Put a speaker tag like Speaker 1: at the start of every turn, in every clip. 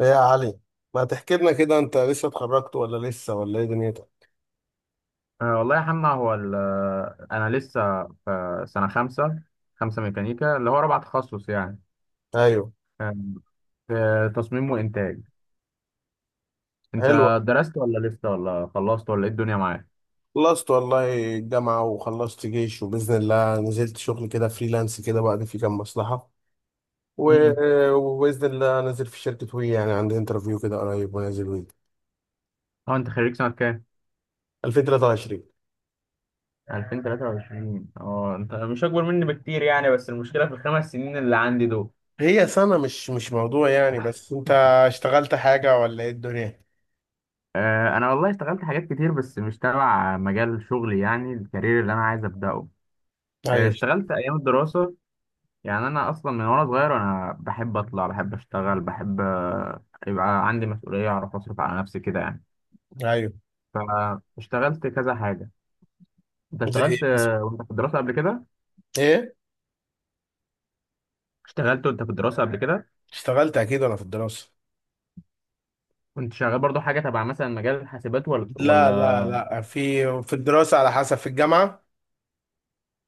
Speaker 1: ايه يا علي، ما تحكي لنا كده؟ انت لسه اتخرجت ولا لسه ولا ايه دنيتك؟
Speaker 2: والله يا حمنا هو ال- آه، انا لسه في سنه خمسه ميكانيكا اللي هو رابع تخصص يعني
Speaker 1: ايوه.
Speaker 2: آه، في تصميم وانتاج. انت
Speaker 1: حلوة.
Speaker 2: درست ولا لسه ولا خلصت ولا ايه الدنيا معاك؟
Speaker 1: خلصت والله الجامعة، وخلصت جيش، وبإذن الله نزلت شغل كده فريلانس كده بعد في كام مصلحة.
Speaker 2: امم
Speaker 1: وبإذن الله نازل في شركة وي، يعني عندي انترفيو كده قريب، ونازل وي
Speaker 2: اه، انت خريج سنه كام؟
Speaker 1: 2023.
Speaker 2: 2023. اه انت مش اكبر مني بكتير يعني، بس المشكله في الخمس سنين اللي عندي دول.
Speaker 1: هي سنة، مش موضوع يعني. بس انت اشتغلت حاجة ولا ايه الدنيا؟
Speaker 2: انا والله اشتغلت حاجات كتير بس مش تبع مجال شغلي، يعني الكارير اللي انا عايز ابداه.
Speaker 1: ايوه،
Speaker 2: اشتغلت ايام الدراسه. يعني انا اصلا من وانا صغير، انا بحب اطلع، بحب اشتغل، بحب يبقى عندي مسؤوليه، اعرف اصرف على نفسي كده يعني.
Speaker 1: ايوه.
Speaker 2: فاشتغلت كذا حاجه. انت
Speaker 1: زي ايه
Speaker 2: اشتغلت وانت في الدراسه قبل كده؟
Speaker 1: إيه؟
Speaker 2: اشتغلت وانت في الدراسه قبل كده؟
Speaker 1: اشتغلت اكيد وانا في الدراسة.
Speaker 2: كنت شغال برضو حاجه تبع مثلا مجال الحاسبات ولا
Speaker 1: لا
Speaker 2: ولا
Speaker 1: لا لا، في، في الدراسة على حسب. في الجامعة،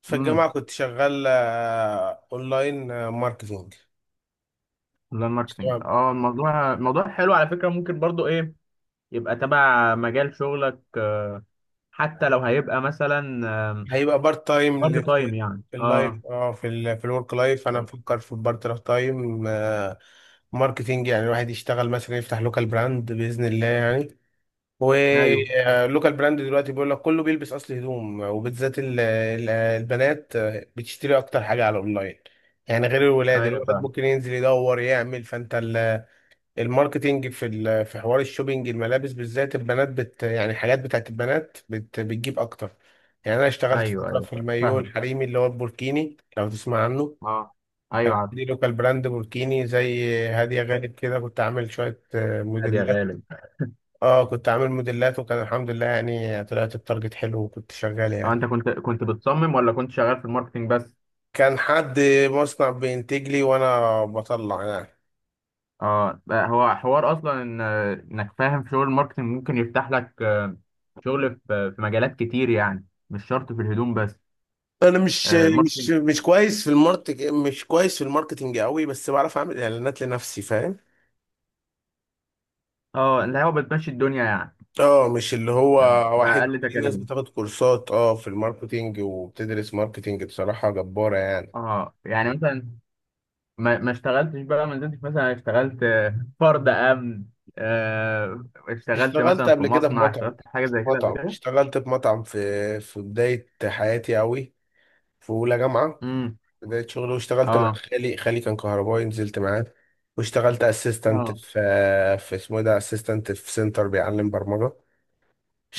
Speaker 1: في
Speaker 2: امم.
Speaker 1: الجامعة كنت شغال اونلاين، ماركتينج.
Speaker 2: اونلاين ماركتنج.
Speaker 1: تمام.
Speaker 2: اه الموضوع، الموضوع حلو على فكره، ممكن برضو ايه يبقى تبع مجال شغلك. حتى لو هيبقى مثلا
Speaker 1: هيبقى بارت تايم
Speaker 2: بارت تايم يعني
Speaker 1: في
Speaker 2: اه.
Speaker 1: اللايف، في ال في الورك لايف انا بفكر في بارت تايم ماركتينج. يعني الواحد يشتغل مثلا، يفتح لوكال براند بإذن الله يعني.
Speaker 2: ايوه
Speaker 1: واللوكال براند دلوقتي بيقول لك كله بيلبس اصل هدوم، وبالذات البنات بتشتري اكتر حاجة على الاونلاين. يعني غير الولاد،
Speaker 2: ايوه
Speaker 1: الولد
Speaker 2: فاهم.
Speaker 1: ممكن ينزل يدور يعمل. فانت الماركتينج في في حوار الشوبينج، الملابس بالذات البنات بت، يعني الحاجات بتاعت البنات بت بتجيب اكتر. يعني انا اشتغلت
Speaker 2: ايوه
Speaker 1: فتره
Speaker 2: ايوه
Speaker 1: في المايو
Speaker 2: فاهم.
Speaker 1: الحريمي اللي هو البوركيني، لو تسمع عنه.
Speaker 2: اه.
Speaker 1: كان
Speaker 2: ايوه عارف.
Speaker 1: عندي لوكال براند بوركيني زي هاديه، غالب كده، كنت عامل شويه
Speaker 2: عادي يا
Speaker 1: موديلات.
Speaker 2: غالب.
Speaker 1: اه، كنت عامل موديلات، وكان الحمد لله يعني طلعت التارجت حلو، وكنت شغال
Speaker 2: اه،
Speaker 1: يعني.
Speaker 2: انت كنت بتصمم ولا كنت شغال في الماركتينج بس؟
Speaker 1: كان حد مصنع بينتج لي وانا بطلع يعني.
Speaker 2: اه بقى هو حوار اصلا ان انك فاهم في شغل الماركتينج، ممكن يفتح لك شغل في مجالات كتير يعني، مش شرط في الهدوم بس.
Speaker 1: انا مش مش
Speaker 2: الماركتينج.
Speaker 1: مش كويس في الماركت، مش كويس في الماركتنج قوي، بس بعرف اعمل اعلانات لنفسي، فاهم؟
Speaker 2: اه، اللي هو بتمشي الدنيا يعني،
Speaker 1: اه، مش اللي هو.
Speaker 2: آه،
Speaker 1: واحد،
Speaker 2: بأقل
Speaker 1: في ناس
Speaker 2: تكاليف.
Speaker 1: بتاخد كورسات اه في الماركتينج، وبتدرس ماركتينج بصراحة جبارة يعني.
Speaker 2: اه يعني مثلا، ما اشتغلتش بقى، ما نزلتش مثلا اشتغلت فرد امن. اشتغلت
Speaker 1: اشتغلت
Speaker 2: مثلا في
Speaker 1: قبل كده في
Speaker 2: مصنع،
Speaker 1: مطعم،
Speaker 2: اشتغلت في حاجه
Speaker 1: في
Speaker 2: زي كده قبل
Speaker 1: مطعم.
Speaker 2: كده.
Speaker 1: اشتغلت في مطعم في بداية حياتي قوي، في أولى جامعة،
Speaker 2: امم.
Speaker 1: بداية شغلي. واشتغلت مع
Speaker 2: اه.
Speaker 1: خالي، خالي كان كهربائي، نزلت معاه. واشتغلت اسيستنت
Speaker 2: اه.
Speaker 1: في اسمه إيه ده، اسيستنت في سنتر بيعلم برمجة.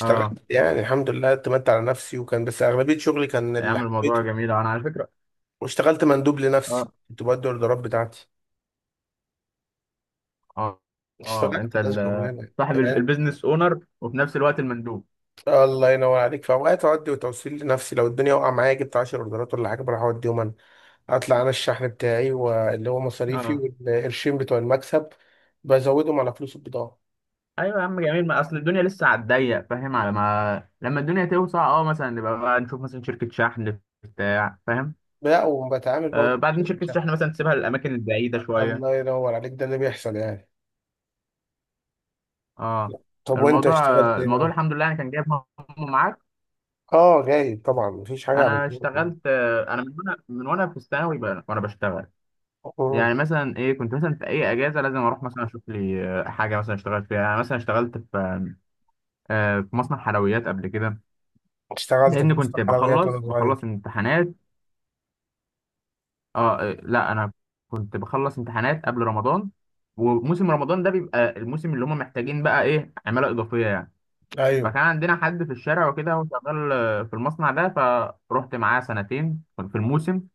Speaker 2: اه
Speaker 1: يعني الحمد لله، اعتمدت على نفسي، وكان بس اغلبيه شغلي كان اللي
Speaker 2: يعمل الموضوع
Speaker 1: حبيته.
Speaker 2: جميل، انا على فكره.
Speaker 1: واشتغلت مندوب لنفسي،
Speaker 2: اه.
Speaker 1: كنت بدي الاوردرات بتاعتي.
Speaker 2: اه. اه
Speaker 1: اشتغلت
Speaker 2: انت
Speaker 1: كذا شغلانه
Speaker 2: صاحب
Speaker 1: يعني.
Speaker 2: البيزنس اونر وفي نفس الوقت المندوب.
Speaker 1: الله ينور عليك، في اوقات اودي وتوصيل لنفسي. لو الدنيا واقعه معايا، جبت 10 اوردرات ولا حاجه، بروح اوديهم انا. اطلع انا الشحن بتاعي، واللي هو مصاريفي،
Speaker 2: اه.
Speaker 1: والقرشين بتوع المكسب بزودهم على فلوس البضاعه.
Speaker 2: ايوه يا عم جميل، ما اصل الدنيا لسه على الضيق فاهم، على ما لما الدنيا توسع اه مثلا نبقى بقى نشوف مثلا شركه شحن بتاع فاهم.
Speaker 1: لا، وبتعامل برضه
Speaker 2: آه
Speaker 1: مع
Speaker 2: بعدين
Speaker 1: شركه
Speaker 2: شركه
Speaker 1: شحن.
Speaker 2: شحن مثلا تسيبها للاماكن البعيده شويه.
Speaker 1: الله ينور عليك، ده اللي بيحصل يعني.
Speaker 2: اه.
Speaker 1: طب وانت
Speaker 2: الموضوع،
Speaker 1: اشتغلت ايه
Speaker 2: الموضوع
Speaker 1: بقى؟
Speaker 2: الحمد لله انا كان جايب همه معاك.
Speaker 1: اه، جاي طبعا، مفيش حاجه
Speaker 2: انا
Speaker 1: عملتها.
Speaker 2: اشتغلت انا من وانا في وانا بشتغل. يعني مثلا ايه، كنت مثلا في اي اجازه لازم اروح مثلا اشوف لي حاجه مثلا اشتغل فيها. انا مثلا اشتغلت في في مصنع حلويات قبل كده.
Speaker 1: اشتغلت في
Speaker 2: لان
Speaker 1: مصنع
Speaker 2: كنت
Speaker 1: حلويات وانا
Speaker 2: بخلص
Speaker 1: صغير.
Speaker 2: امتحانات. اه لا انا كنت بخلص امتحانات قبل رمضان، وموسم رمضان ده بيبقى الموسم اللي هم محتاجين بقى ايه عماله اضافيه يعني.
Speaker 1: ايوه،
Speaker 2: فكان عندنا حد في الشارع وكده هو شغال في المصنع ده، فروحت معاه سنتين في الموسم.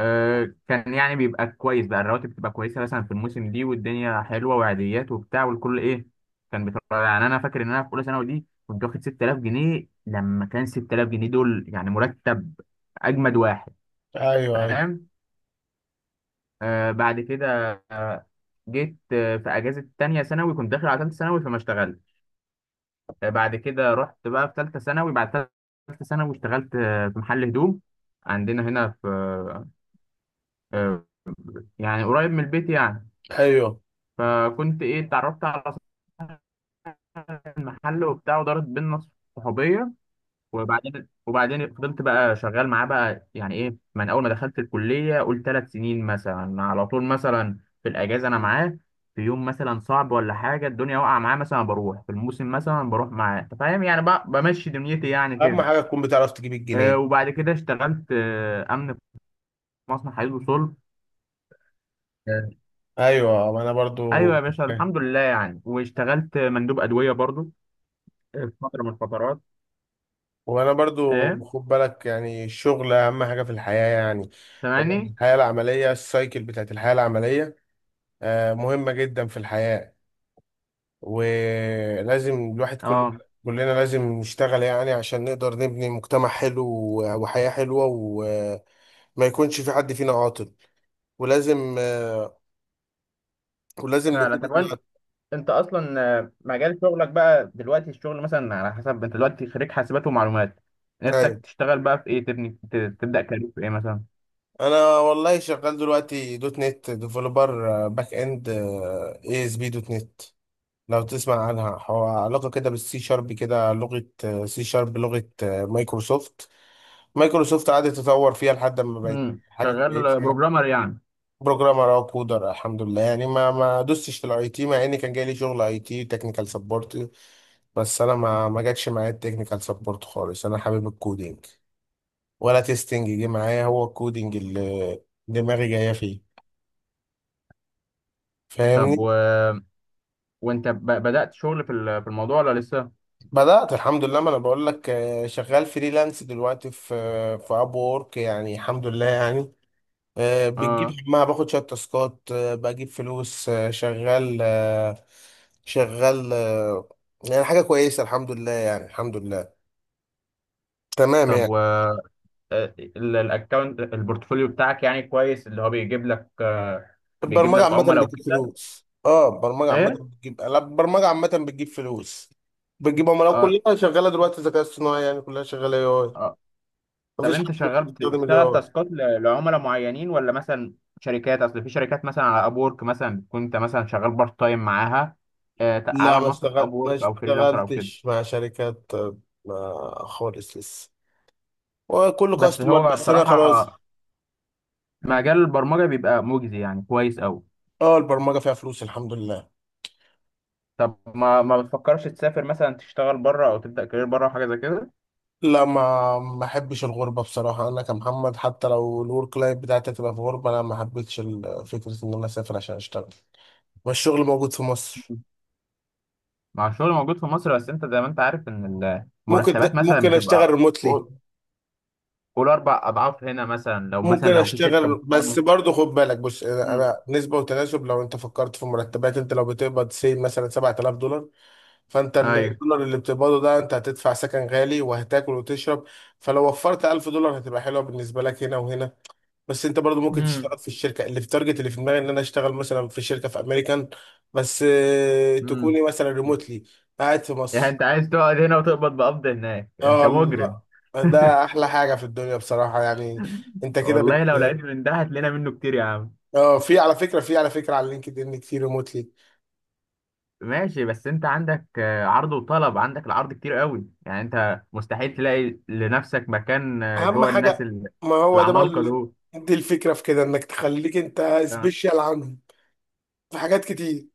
Speaker 2: كان يعني بيبقى كويس بقى، الرواتب بتبقى كويسه مثلا في الموسم دي، والدنيا حلوه وعاديات وبتاع، والكل ايه كان بيتفرج يعني. انا فاكر ان انا في اولى ثانوي دي كنت واخد 6000 جنيه، لما كان 6000 جنيه دول يعني مرتب اجمد واحد،
Speaker 1: ايوه، ايوه،
Speaker 2: فاهم. آه بعد كده آه جيت آه في اجازه تانية ثانوي كنت داخل على ثالثه ثانوي فما اشتغلت. آه بعد كده رحت بقى في ثالثه ثانوي، بعد ثالثه ثانوي اشتغلت آه في محل هدوم عندنا هنا في آه يعني قريب من البيت يعني.
Speaker 1: ايوه.
Speaker 2: فكنت ايه اتعرفت على محل وبتاع، ودارت بينا صحوبيه، وبعدين فضلت بقى شغال معاه بقى، يعني ايه من اول ما دخلت الكليه، قول ثلاث سنين مثلا، على طول مثلا في الاجازه انا معاه. في يوم مثلا صعب ولا حاجه الدنيا واقعه معاه مثلا بروح، في الموسم مثلا بروح معاه، انت فاهم يعني، بقى بمشي دنيتي يعني
Speaker 1: اهم
Speaker 2: كده.
Speaker 1: حاجه تكون بتعرف تجيب الجنيه.
Speaker 2: وبعد كده اشتغلت امن في مصنع حديد وصلب. آه،
Speaker 1: ايوه، وانا برضو.
Speaker 2: ايوه يا باشا الحمد لله يعني. واشتغلت مندوب ادويه برضو في فتره من الفترات.
Speaker 1: وانا برضو،
Speaker 2: ايه
Speaker 1: خد بالك يعني الشغل اهم حاجه في الحياه يعني. هو
Speaker 2: سامعني.
Speaker 1: الحياه العمليه، السايكل بتاعت الحياه العمليه، مهمه جدا في الحياه. ولازم الواحد،
Speaker 2: اه
Speaker 1: كلنا لازم نشتغل، يعني عشان نقدر نبني مجتمع حلو، وحياه حلوه، و ما يكونش في حد فينا عاطل. ولازم ولازم
Speaker 2: فعلا.
Speaker 1: نكون.
Speaker 2: طب انت اصلا مجال شغلك بقى دلوقتي الشغل مثلا على حسب، انت دلوقتي خريج حاسبات ومعلومات، نفسك
Speaker 1: ايوه،
Speaker 2: تشتغل بقى في ايه، تبني تبدا كارير في ايه مثلا؟
Speaker 1: انا والله شغال دلوقتي دوت نت ديفلوبر باك اند، اي اس بي دوت نت، لو تسمع عنها. هو علاقه كده بالسي شارب كده، لغه. سي شارب لغه مايكروسوفت. مايكروسوفت قعدت تطور فيها لحد ما بقت
Speaker 2: امم.
Speaker 1: حاجه كويسه
Speaker 2: شغال
Speaker 1: يعني.
Speaker 2: بروجرامر يعني.
Speaker 1: بروجرامر او كودر الحمد لله يعني. ما دوستش في الاي تي، مع ان كان جاي لي شغل اي تي تكنيكال سبورت، بس انا ما جاتش معايا التكنيكال سبورت خالص. انا حابب الكودينج، ولا تيستنج جه معايا، هو الكودينج اللي دماغي جايه فيه،
Speaker 2: طب
Speaker 1: فاهمني؟
Speaker 2: و... وانت ب... بدات شغل في في الموضوع ولا لسه؟
Speaker 1: بدأت الحمد لله، ما انا بقول لك شغال فريلانس دلوقتي في اب وورك، يعني الحمد لله يعني. بتجيب
Speaker 2: اه.
Speaker 1: همها، باخد شويه تاسكات، بجيب فلوس، شغال، شغال، يعني حاجه كويسه الحمد لله يعني. الحمد لله، تمام
Speaker 2: طب
Speaker 1: يعني.
Speaker 2: و الاكونت البورتفوليو بتاعك يعني كويس، اللي هو بيجيب لك بيجيب
Speaker 1: البرمجة
Speaker 2: لك
Speaker 1: عامة
Speaker 2: عملاء
Speaker 1: بتجيب
Speaker 2: وكده؟
Speaker 1: فلوس. اه البرمجة عامة
Speaker 2: ايه.
Speaker 1: بتجيب، لا، البرمجة عامة بتجيب فلوس، بتجيب عملاء.
Speaker 2: اه.
Speaker 1: كلها شغالة دلوقتي ذكاء اصطناعي، يعني كلها شغالة اي اي.
Speaker 2: طب
Speaker 1: مفيش حد
Speaker 2: انت
Speaker 1: مش
Speaker 2: شغال،
Speaker 1: بيستخدم الاي
Speaker 2: بتشتغل
Speaker 1: اي.
Speaker 2: تاسكات لعملاء معينين ولا مثلا شركات؟ اصل في شركات مثلا على ابورك مثلا بتكون انت مثلا شغال بارت تايم معاها،
Speaker 1: لا،
Speaker 2: على منصه
Speaker 1: ما
Speaker 2: ابورك او فريلانسر او كده.
Speaker 1: اشتغلتش مع شركات ما، خالص لسه، وكله
Speaker 2: بس
Speaker 1: كاستمر،
Speaker 2: هو
Speaker 1: بس انا خلاص.
Speaker 2: بصراحه مجال البرمجه بيبقى مجزي يعني كويس قوي.
Speaker 1: اه البرمجة فيها فلوس الحمد لله.
Speaker 2: طب ما بتفكرش تسافر مثلا تشتغل بره، او تبدا كارير بره او حاجه زي كده؟
Speaker 1: لا، ما احبش الغربة بصراحة. انا كمحمد، حتى لو الورك لايف بتاعتي هتبقى في غربة، انا ما حبيتش فكرة ان انا اسافر عشان اشتغل، والشغل موجود في مصر.
Speaker 2: مع الشغل موجود في مصر بس انت زي ما انت عارف ان المرتبات
Speaker 1: ممكن
Speaker 2: مثلا
Speaker 1: ممكن اشتغل
Speaker 2: بتبقى
Speaker 1: ريموتلي.
Speaker 2: قول قول اربع اضعاف هنا مثلا، لو مثلا
Speaker 1: ممكن
Speaker 2: لو في شركه
Speaker 1: اشتغل، بس
Speaker 2: محترمه.
Speaker 1: برضه خد بالك، بص، انا
Speaker 2: مم.
Speaker 1: أنا نسبه وتناسب. لو انت فكرت في مرتبات، انت لو بتقبض سي مثلا $7000، فانت
Speaker 2: ايوه.
Speaker 1: الدولار اللي بتقبضه ده، انت هتدفع سكن غالي، وهتاكل وتشرب. فلو وفرت $1000 هتبقى حلوه بالنسبه لك، هنا وهنا. بس انت برضه ممكن
Speaker 2: مم.
Speaker 1: تشتغل في الشركه اللي في تارجت، اللي في دماغي ان انا اشتغل مثلا في شركه في امريكان، بس
Speaker 2: امم.
Speaker 1: تكوني مثلا ريموتلي، قاعد في
Speaker 2: يعني
Speaker 1: مصر.
Speaker 2: انت عايز تقعد هنا وتقبض، بقبض هناك، انت
Speaker 1: اه، الله،
Speaker 2: مجرم.
Speaker 1: ده احلى حاجه في الدنيا بصراحه يعني. انت كده
Speaker 2: والله
Speaker 1: بت.
Speaker 2: لو لقيت من ده هتلاقينا منه كتير يا عم.
Speaker 1: اه في على فكره، على لينكد ان كتير ريموتلي.
Speaker 2: ماشي. بس انت عندك عرض وطلب، عندك العرض كتير قوي يعني، انت مستحيل تلاقي لنفسك مكان
Speaker 1: اهم
Speaker 2: جوه الناس
Speaker 1: حاجه، ما هو ده بقى
Speaker 2: العمالقة دول.
Speaker 1: دي الفكره في كده، انك تخليك انت
Speaker 2: آه.
Speaker 1: سبيشال عنهم في حاجات كتير.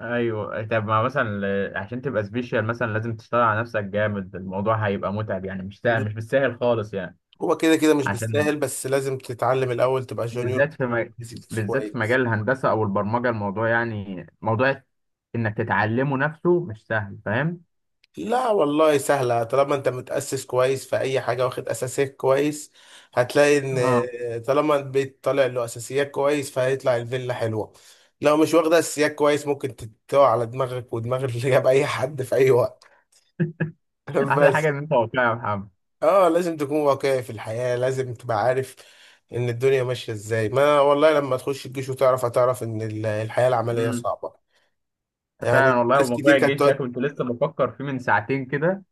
Speaker 2: ايوه. طب ما مثلا عشان تبقى سبيشال مثلا لازم تشتغل على نفسك جامد، الموضوع هيبقى متعب يعني، مش سهل، مش بالسهل خالص يعني.
Speaker 1: هو كده كده مش
Speaker 2: عشان
Speaker 1: بالساهل، بس لازم تتعلم الاول، تبقى جونيور،
Speaker 2: بالذات في
Speaker 1: بيزكس
Speaker 2: بالذات في
Speaker 1: كويس.
Speaker 2: مجال الهندسة أو البرمجة، الموضوع يعني موضوع إنك تتعلمه نفسه مش سهل، فاهم؟
Speaker 1: لا والله سهلة، طالما انت متأسس كويس في أي حاجة، واخد أساسيات كويس، هتلاقي
Speaker 2: اه.
Speaker 1: إن، طالما البيت طالع له أساسيات كويس، فهيطلع الفيلا حلوة. لو مش واخدة أساسيات كويس، ممكن تتوه على دماغك ودماغ اللي جاب أي حد في أي وقت.
Speaker 2: أحسن حاجة
Speaker 1: بس
Speaker 2: إن أنت واقعي يا محمد.
Speaker 1: اه لازم تكون واقعي في الحياة، لازم تبقى عارف إن الدنيا ماشية إزاي. ما والله لما تخش الجيش وتعرف، هتعرف إن الحياة العملية
Speaker 2: امم.
Speaker 1: صعبة،
Speaker 2: فعلا
Speaker 1: يعني
Speaker 2: والله.
Speaker 1: ناس كتير
Speaker 2: وموضوع
Speaker 1: كانت
Speaker 2: الجيش ده
Speaker 1: تقعد.
Speaker 2: كنت لسه بفكر فيه من ساعتين كده،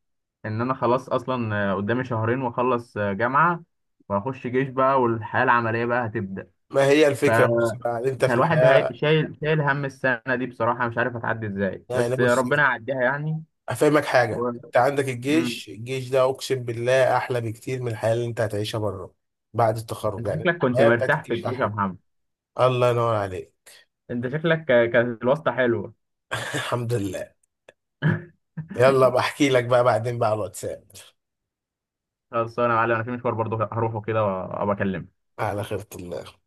Speaker 2: إن أنا خلاص أصلا قدامي شهرين وأخلص جامعة، وأخش جيش بقى والحياة العملية بقى هتبدأ.
Speaker 1: ما هي
Speaker 2: ف-
Speaker 1: الفكرة، بص بقى، انت في
Speaker 2: فالواحد هي...
Speaker 1: الحياة،
Speaker 2: شايل هم السنة دي بصراحة، مش عارف هتعدي إزاي،
Speaker 1: يعني
Speaker 2: بس
Speaker 1: بص،
Speaker 2: ربنا يعديها يعني.
Speaker 1: هفهمك حاجة.
Speaker 2: و...
Speaker 1: انت عندك
Speaker 2: مم.
Speaker 1: الجيش، الجيش ده اقسم بالله احلى بكتير من الحياة اللي انت هتعيشها بره بعد التخرج
Speaker 2: أنت
Speaker 1: يعني.
Speaker 2: شكلك كنت
Speaker 1: الحياة بتاعت
Speaker 2: مرتاح في
Speaker 1: الجيش
Speaker 2: الجيش يا
Speaker 1: احلى،
Speaker 2: محمد.
Speaker 1: الله ينور عليك.
Speaker 2: انت شكلك كانت الواسطة حلوة.
Speaker 1: الحمد لله. يلا بحكي لك بقى بعدين بقى على الواتساب.
Speaker 2: خلاص انا يا معلم، انا في مشوار برضه هروحه كده وابقى اكلمك.
Speaker 1: على خيرة الله.